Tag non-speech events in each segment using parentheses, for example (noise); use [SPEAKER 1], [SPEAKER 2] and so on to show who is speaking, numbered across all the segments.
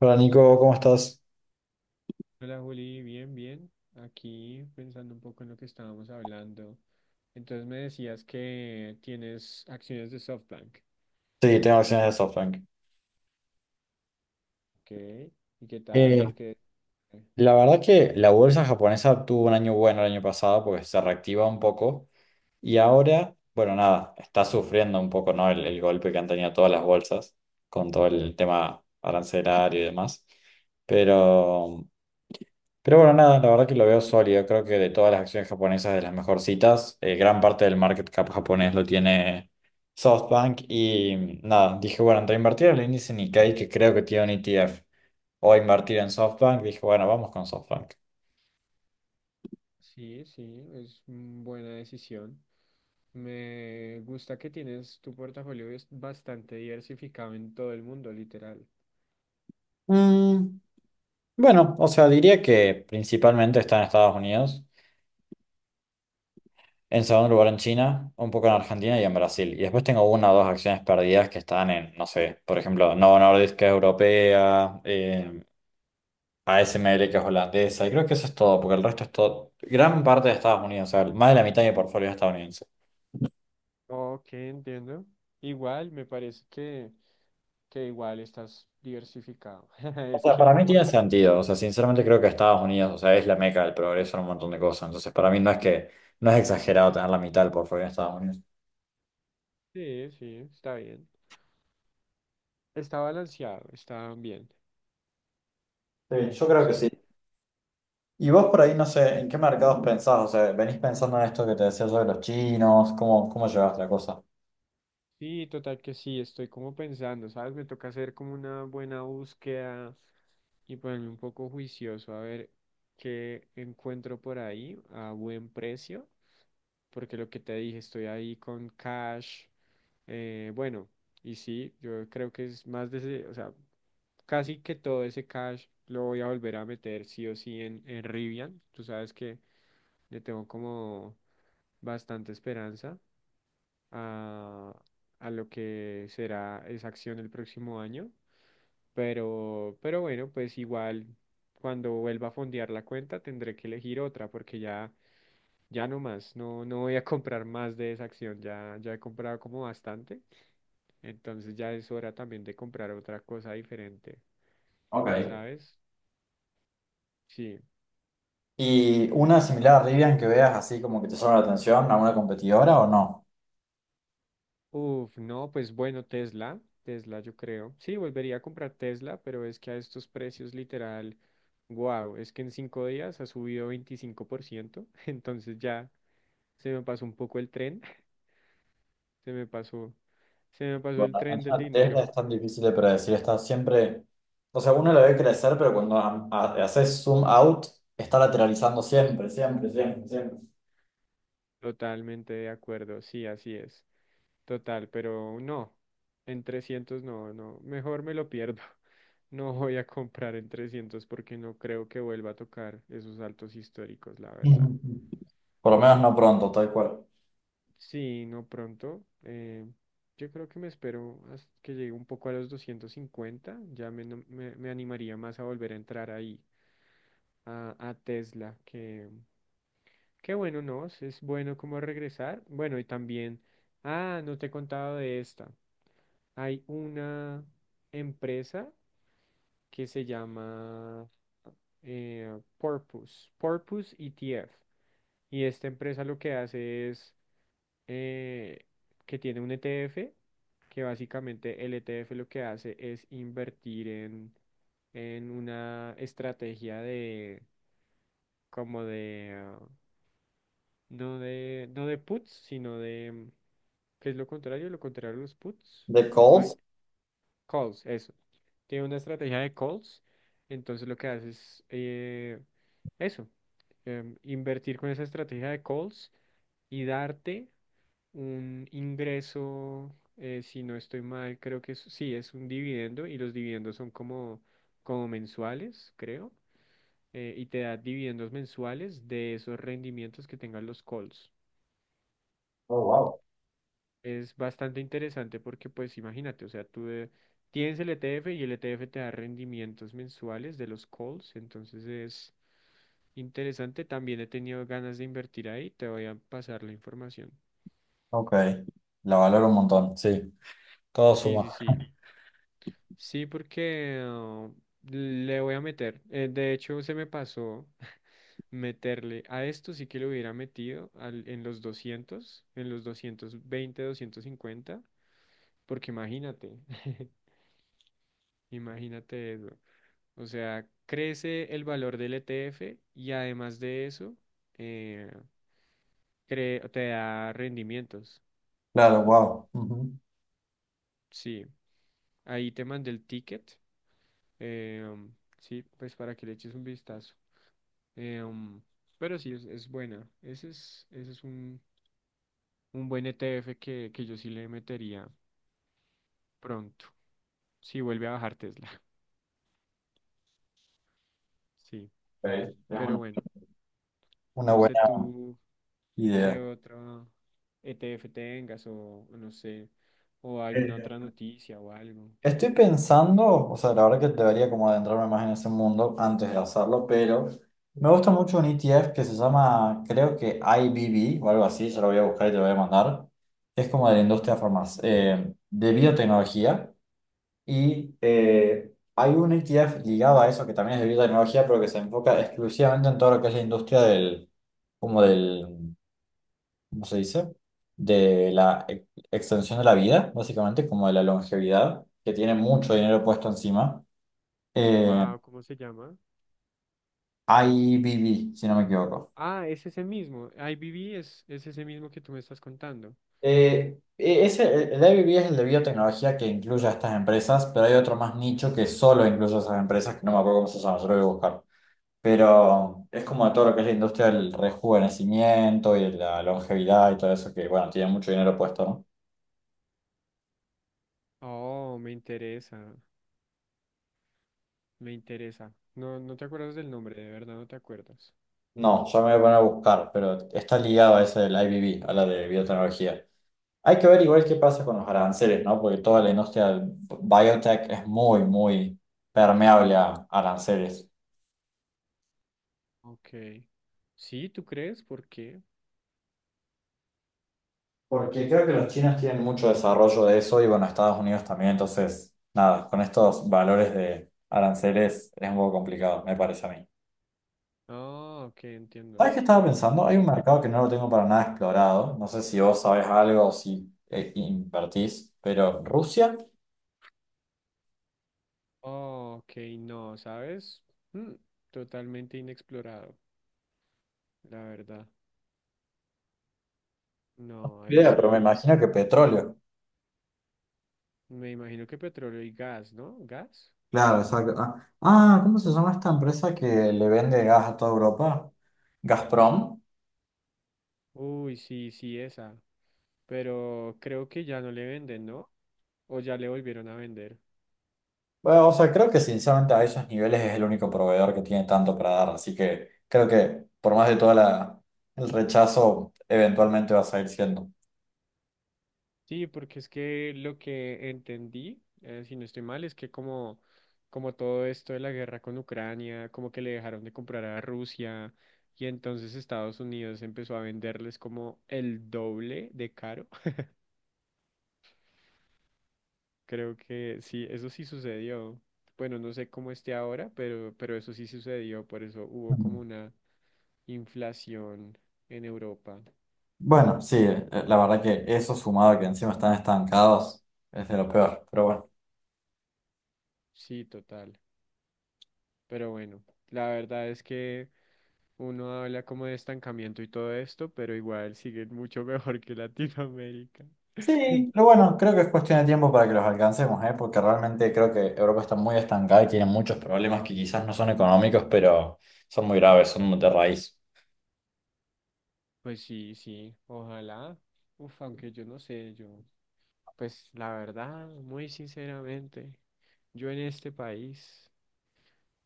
[SPEAKER 1] Hola Nico, ¿cómo estás?
[SPEAKER 2] Hola Juli, bien, bien. Aquí pensando un poco en lo que estábamos hablando. Entonces me decías que tienes acciones de SoftBank.
[SPEAKER 1] Sí, tengo acciones de SoftBank.
[SPEAKER 2] Ok. ¿Y qué tal?
[SPEAKER 1] Eh,
[SPEAKER 2] Porque eh,
[SPEAKER 1] la verdad que la bolsa japonesa tuvo un año bueno el año pasado porque se reactiva un poco y ahora, bueno, nada, está sufriendo un poco, ¿no? El golpe que han tenido todas las bolsas con todo el tema arancelario y demás. Pero Pero bueno, nada, la verdad que lo veo sólido. Creo que de todas las acciones japonesas, de las mejorcitas, gran parte del market cap japonés lo tiene SoftBank. Y nada, dije, bueno, entre invertir en el índice Nikkei, que creo que tiene un ETF, o invertir en SoftBank, dije, bueno, vamos con SoftBank.
[SPEAKER 2] sí, sí, es buena decisión. Me gusta que tienes tu portafolio es bastante diversificado en todo el mundo, literal.
[SPEAKER 1] Mm, bueno, o sea, diría que principalmente está en Estados Unidos, en segundo lugar en China, un poco en Argentina y en Brasil. Y después tengo una o dos acciones perdidas que están en, no sé, por ejemplo, Novo Nordisk, que es europea. ASML, que es holandesa, y creo que eso es todo, porque el resto es todo, gran parte de Estados Unidos, o sea, más de la mitad de mi portfolio es estadounidense.
[SPEAKER 2] Ok, entiendo. Igual, me parece que igual estás diversificado. (laughs)
[SPEAKER 1] O
[SPEAKER 2] Es
[SPEAKER 1] sea,
[SPEAKER 2] que
[SPEAKER 1] para mí tiene
[SPEAKER 2] comparado.
[SPEAKER 1] sentido, o sea, sinceramente creo que Estados Unidos, o sea, es la meca del progreso en un montón de cosas, entonces para mí no es que, no es exagerado tener la mitad del portfolio en Estados Unidos.
[SPEAKER 2] Sí, sí, está bien. Está balanceado, está bien.
[SPEAKER 1] Sí, yo creo que sí.
[SPEAKER 2] Sí.
[SPEAKER 1] Y vos por ahí, no sé, ¿en qué mercados pensás? O sea, ¿venís pensando en esto que te decía yo de los chinos? ¿Cómo llevaste la cosa?
[SPEAKER 2] Sí, total que sí, estoy como pensando, ¿sabes? Me toca hacer como una buena búsqueda y ponerme un poco juicioso a ver qué encuentro por ahí a buen precio, porque lo que te dije, estoy ahí con cash. Bueno, y sí, yo creo que es más de ese, o sea, casi que todo ese cash lo voy a volver a meter sí o sí en Rivian. Tú sabes que le tengo como bastante esperanza. a, a lo que será esa acción el próximo año. Pero bueno, pues igual cuando vuelva a fondear la cuenta tendré que elegir otra porque ya, ya no más, no, no voy a (laughs) comprar más de esa acción, ya, ya he comprado como bastante, entonces ya es hora también de comprar otra cosa diferente,
[SPEAKER 1] Ok.
[SPEAKER 2] ¿sabes? Sí.
[SPEAKER 1] ¿Y una similar a Rivian que veas así como que te llama la atención, alguna competidora o no?
[SPEAKER 2] Uf, no, pues bueno, Tesla, Tesla yo creo. Sí, volvería a comprar Tesla, pero es que a estos precios literal, wow, es que en 5 días ha subido 25%, (laughs) entonces ya se me pasó un poco el tren, (laughs) se me pasó, se me pasó el
[SPEAKER 1] Bueno,
[SPEAKER 2] tren del
[SPEAKER 1] Nikola Tesla
[SPEAKER 2] dinero.
[SPEAKER 1] es tan difícil de predecir, está siempre, o sea, uno la ve crecer, pero cuando haces zoom out, está lateralizando siempre, siempre, siempre, siempre.
[SPEAKER 2] Totalmente de acuerdo, sí, así es. Total, pero no, en 300 no, no, mejor me lo pierdo. (laughs) No voy a comprar en 300 porque no creo que vuelva a tocar esos altos históricos, la verdad.
[SPEAKER 1] Ujú. Por lo menos no pronto, tal cual.
[SPEAKER 2] Sí, no pronto. Yo creo que me espero hasta que llegue un poco a los 250. Ya me, no- me animaría más a volver a entrar ahí, a Tesla, que bueno, no, es bueno como regresar. Bueno, y también, ah, no te he contado de esta. Hay una empresa que se llama Porpoise, Porpoise ETF. Y esta empresa lo que hace es eh, que tiene un ETF, que básicamente el ETF lo que hace es invertir en una estrategia de, como de, no no de puts, sino de, ¿qué es lo contrario? Lo contrario a los puts,
[SPEAKER 1] The Coles.
[SPEAKER 2] buy, calls, eso. Tiene una estrategia de calls, entonces lo que hace es eso, invertir con esa estrategia de calls y darte un ingreso, si no estoy mal, creo que sí, es un dividendo y los dividendos son como, como mensuales, creo, y te da dividendos mensuales de esos rendimientos que tengan los calls.
[SPEAKER 1] Oh, wow.
[SPEAKER 2] Es bastante interesante porque, pues, imagínate, o sea, tú tienes el ETF y el ETF te da rendimientos mensuales de los calls, entonces es interesante. También he tenido ganas de invertir ahí, te voy a pasar la información.
[SPEAKER 1] Ok, la valoro un montón, sí, todo
[SPEAKER 2] Sí,
[SPEAKER 1] suma.
[SPEAKER 2] sí, sí. Sí, porque le voy a meter. De hecho, se me pasó (laughs) meterle a esto, sí que lo hubiera metido en los 200, en los 220, 250. Porque imagínate, (laughs) imagínate eso. O sea, crece el valor del ETF y además de eso, eh, te da rendimientos.
[SPEAKER 1] Claro, wow. Ujú.
[SPEAKER 2] Sí, ahí te mandé el ticket. eh, sí, pues para que le eches un vistazo. Em, pero sí, es buena. Ese es un buen ETF que yo sí le metería pronto. Si vuelve a bajar Tesla. (laughs) Sí.
[SPEAKER 1] Ok, es
[SPEAKER 2] Pero bueno,
[SPEAKER 1] una
[SPEAKER 2] no sé
[SPEAKER 1] buena
[SPEAKER 2] tú qué
[SPEAKER 1] idea.
[SPEAKER 2] otro ETF tengas o no sé, o alguna otra noticia o algo.
[SPEAKER 1] Estoy pensando, o sea, la verdad que debería como adentrarme más en ese mundo antes de hacerlo, pero me gusta mucho un ETF que se llama, creo que IBB o algo así, ya lo voy a buscar y te lo voy a mandar. Es como de la industria farmacéutica, de biotecnología y hay un ETF ligado a eso que también es de biotecnología, pero que se enfoca exclusivamente en todo lo que es la industria del, como del ¿cómo se dice? De la extensión de la vida, básicamente, como de la longevidad, que tiene mucho dinero puesto encima. Eh,
[SPEAKER 2] Wow, ¿cómo se llama?
[SPEAKER 1] IBB, si no me equivoco.
[SPEAKER 2] Ah, es ese mismo. IBB es ese mismo que tú me estás contando.
[SPEAKER 1] Ese, el IBB es el de biotecnología que incluye a estas empresas, pero hay otro más nicho que solo incluye a esas empresas, que no me acuerdo cómo se llama, yo lo voy a buscar. Pero es como de todo lo que es la industria del rejuvenecimiento y de la longevidad y todo eso, que bueno, tiene mucho dinero puesto, ¿no?
[SPEAKER 2] Oh, me interesa, me interesa. No, no te acuerdas del nombre, de verdad no te acuerdas.
[SPEAKER 1] No, ya me voy a poner a buscar, pero está ligado a ese del IBB, a la de biotecnología. Hay que ver igual qué pasa con los aranceles, ¿no? Porque toda la industria del biotech es muy, muy permeable a aranceles.
[SPEAKER 2] Ok. Sí, ¿tú crees? ¿Por qué?
[SPEAKER 1] Porque creo que los chinos tienen mucho desarrollo de eso y bueno, Estados Unidos también, entonces, nada, con estos valores de aranceles es un poco complicado, me parece a mí.
[SPEAKER 2] Ah, ok, entiendo.
[SPEAKER 1] ¿Sabes qué estaba pensando? Hay un
[SPEAKER 2] Sí.
[SPEAKER 1] mercado que no lo tengo para nada explorado, no sé si vos sabés algo o si invertís, pero Rusia.
[SPEAKER 2] Oh, ok, no, ¿sabes? Mm, totalmente inexplorado, la verdad. No, ahí
[SPEAKER 1] Idea, pero me
[SPEAKER 2] sí,
[SPEAKER 1] imagino que petróleo.
[SPEAKER 2] me imagino que petróleo y gas, ¿no? ¿Gas?
[SPEAKER 1] Claro, exacto. ¿Cómo se llama esta empresa que le vende gas a toda Europa? ¿Gazprom?
[SPEAKER 2] Uy, sí, sí, esa. Pero creo que ya no le venden, ¿no? O ya le volvieron a vender.
[SPEAKER 1] Bueno, o sea, creo que sinceramente a esos niveles es el único proveedor que tiene tanto para dar, así que creo que por más de todo el rechazo, eventualmente va a seguir siendo.
[SPEAKER 2] Sí, porque es que lo que entendí, si no estoy mal, es que como todo esto de la guerra con Ucrania, como que le dejaron de comprar a Rusia y entonces Estados Unidos empezó a venderles como el doble de caro. (laughs) Creo que sí, eso sí sucedió. Bueno, no sé cómo esté ahora, pero eso sí sucedió, por eso hubo como
[SPEAKER 1] Mm.
[SPEAKER 2] una inflación en Europa.
[SPEAKER 1] Bueno, sí, la verdad que eso sumado a que encima están estancados es de lo peor, pero bueno.
[SPEAKER 2] Sí, total. Pero bueno, la verdad es que... Uno habla como de estancamiento y todo esto, pero igual sigue mucho (laughs) mejor que Latinoamérica.
[SPEAKER 1] Sí,
[SPEAKER 2] (laughs)
[SPEAKER 1] pero bueno, creo que es cuestión de tiempo para que los alcancemos, ¿eh? Porque realmente creo que Europa está muy estancada y tiene muchos problemas que quizás no son económicos, pero son muy graves, son de raíz.
[SPEAKER 2] Pues sí, sí, ojalá. Uf, aunque yo no sé, yo, pues la verdad, muy sinceramente, yo en este país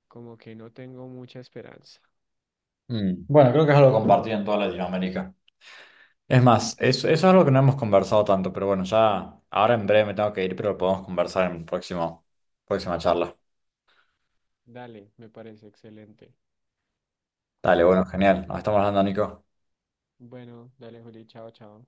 [SPEAKER 2] como que no tengo mucha esperanza.
[SPEAKER 1] Mm, bueno, creo que es algo compartido en toda Latinoamérica. Es
[SPEAKER 2] (laughs)
[SPEAKER 1] más,
[SPEAKER 2] Sí.
[SPEAKER 1] eso es algo que no hemos conversado tanto, pero bueno, ya ahora en breve me tengo que ir, pero lo podemos conversar en próxima charla.
[SPEAKER 2] Dale, me parece excelente.
[SPEAKER 1] Dale,
[SPEAKER 2] Sí.
[SPEAKER 1] bueno, genial. Nos estamos hablando, Nico.
[SPEAKER 2] Bueno, dale, Juli, chao, chao.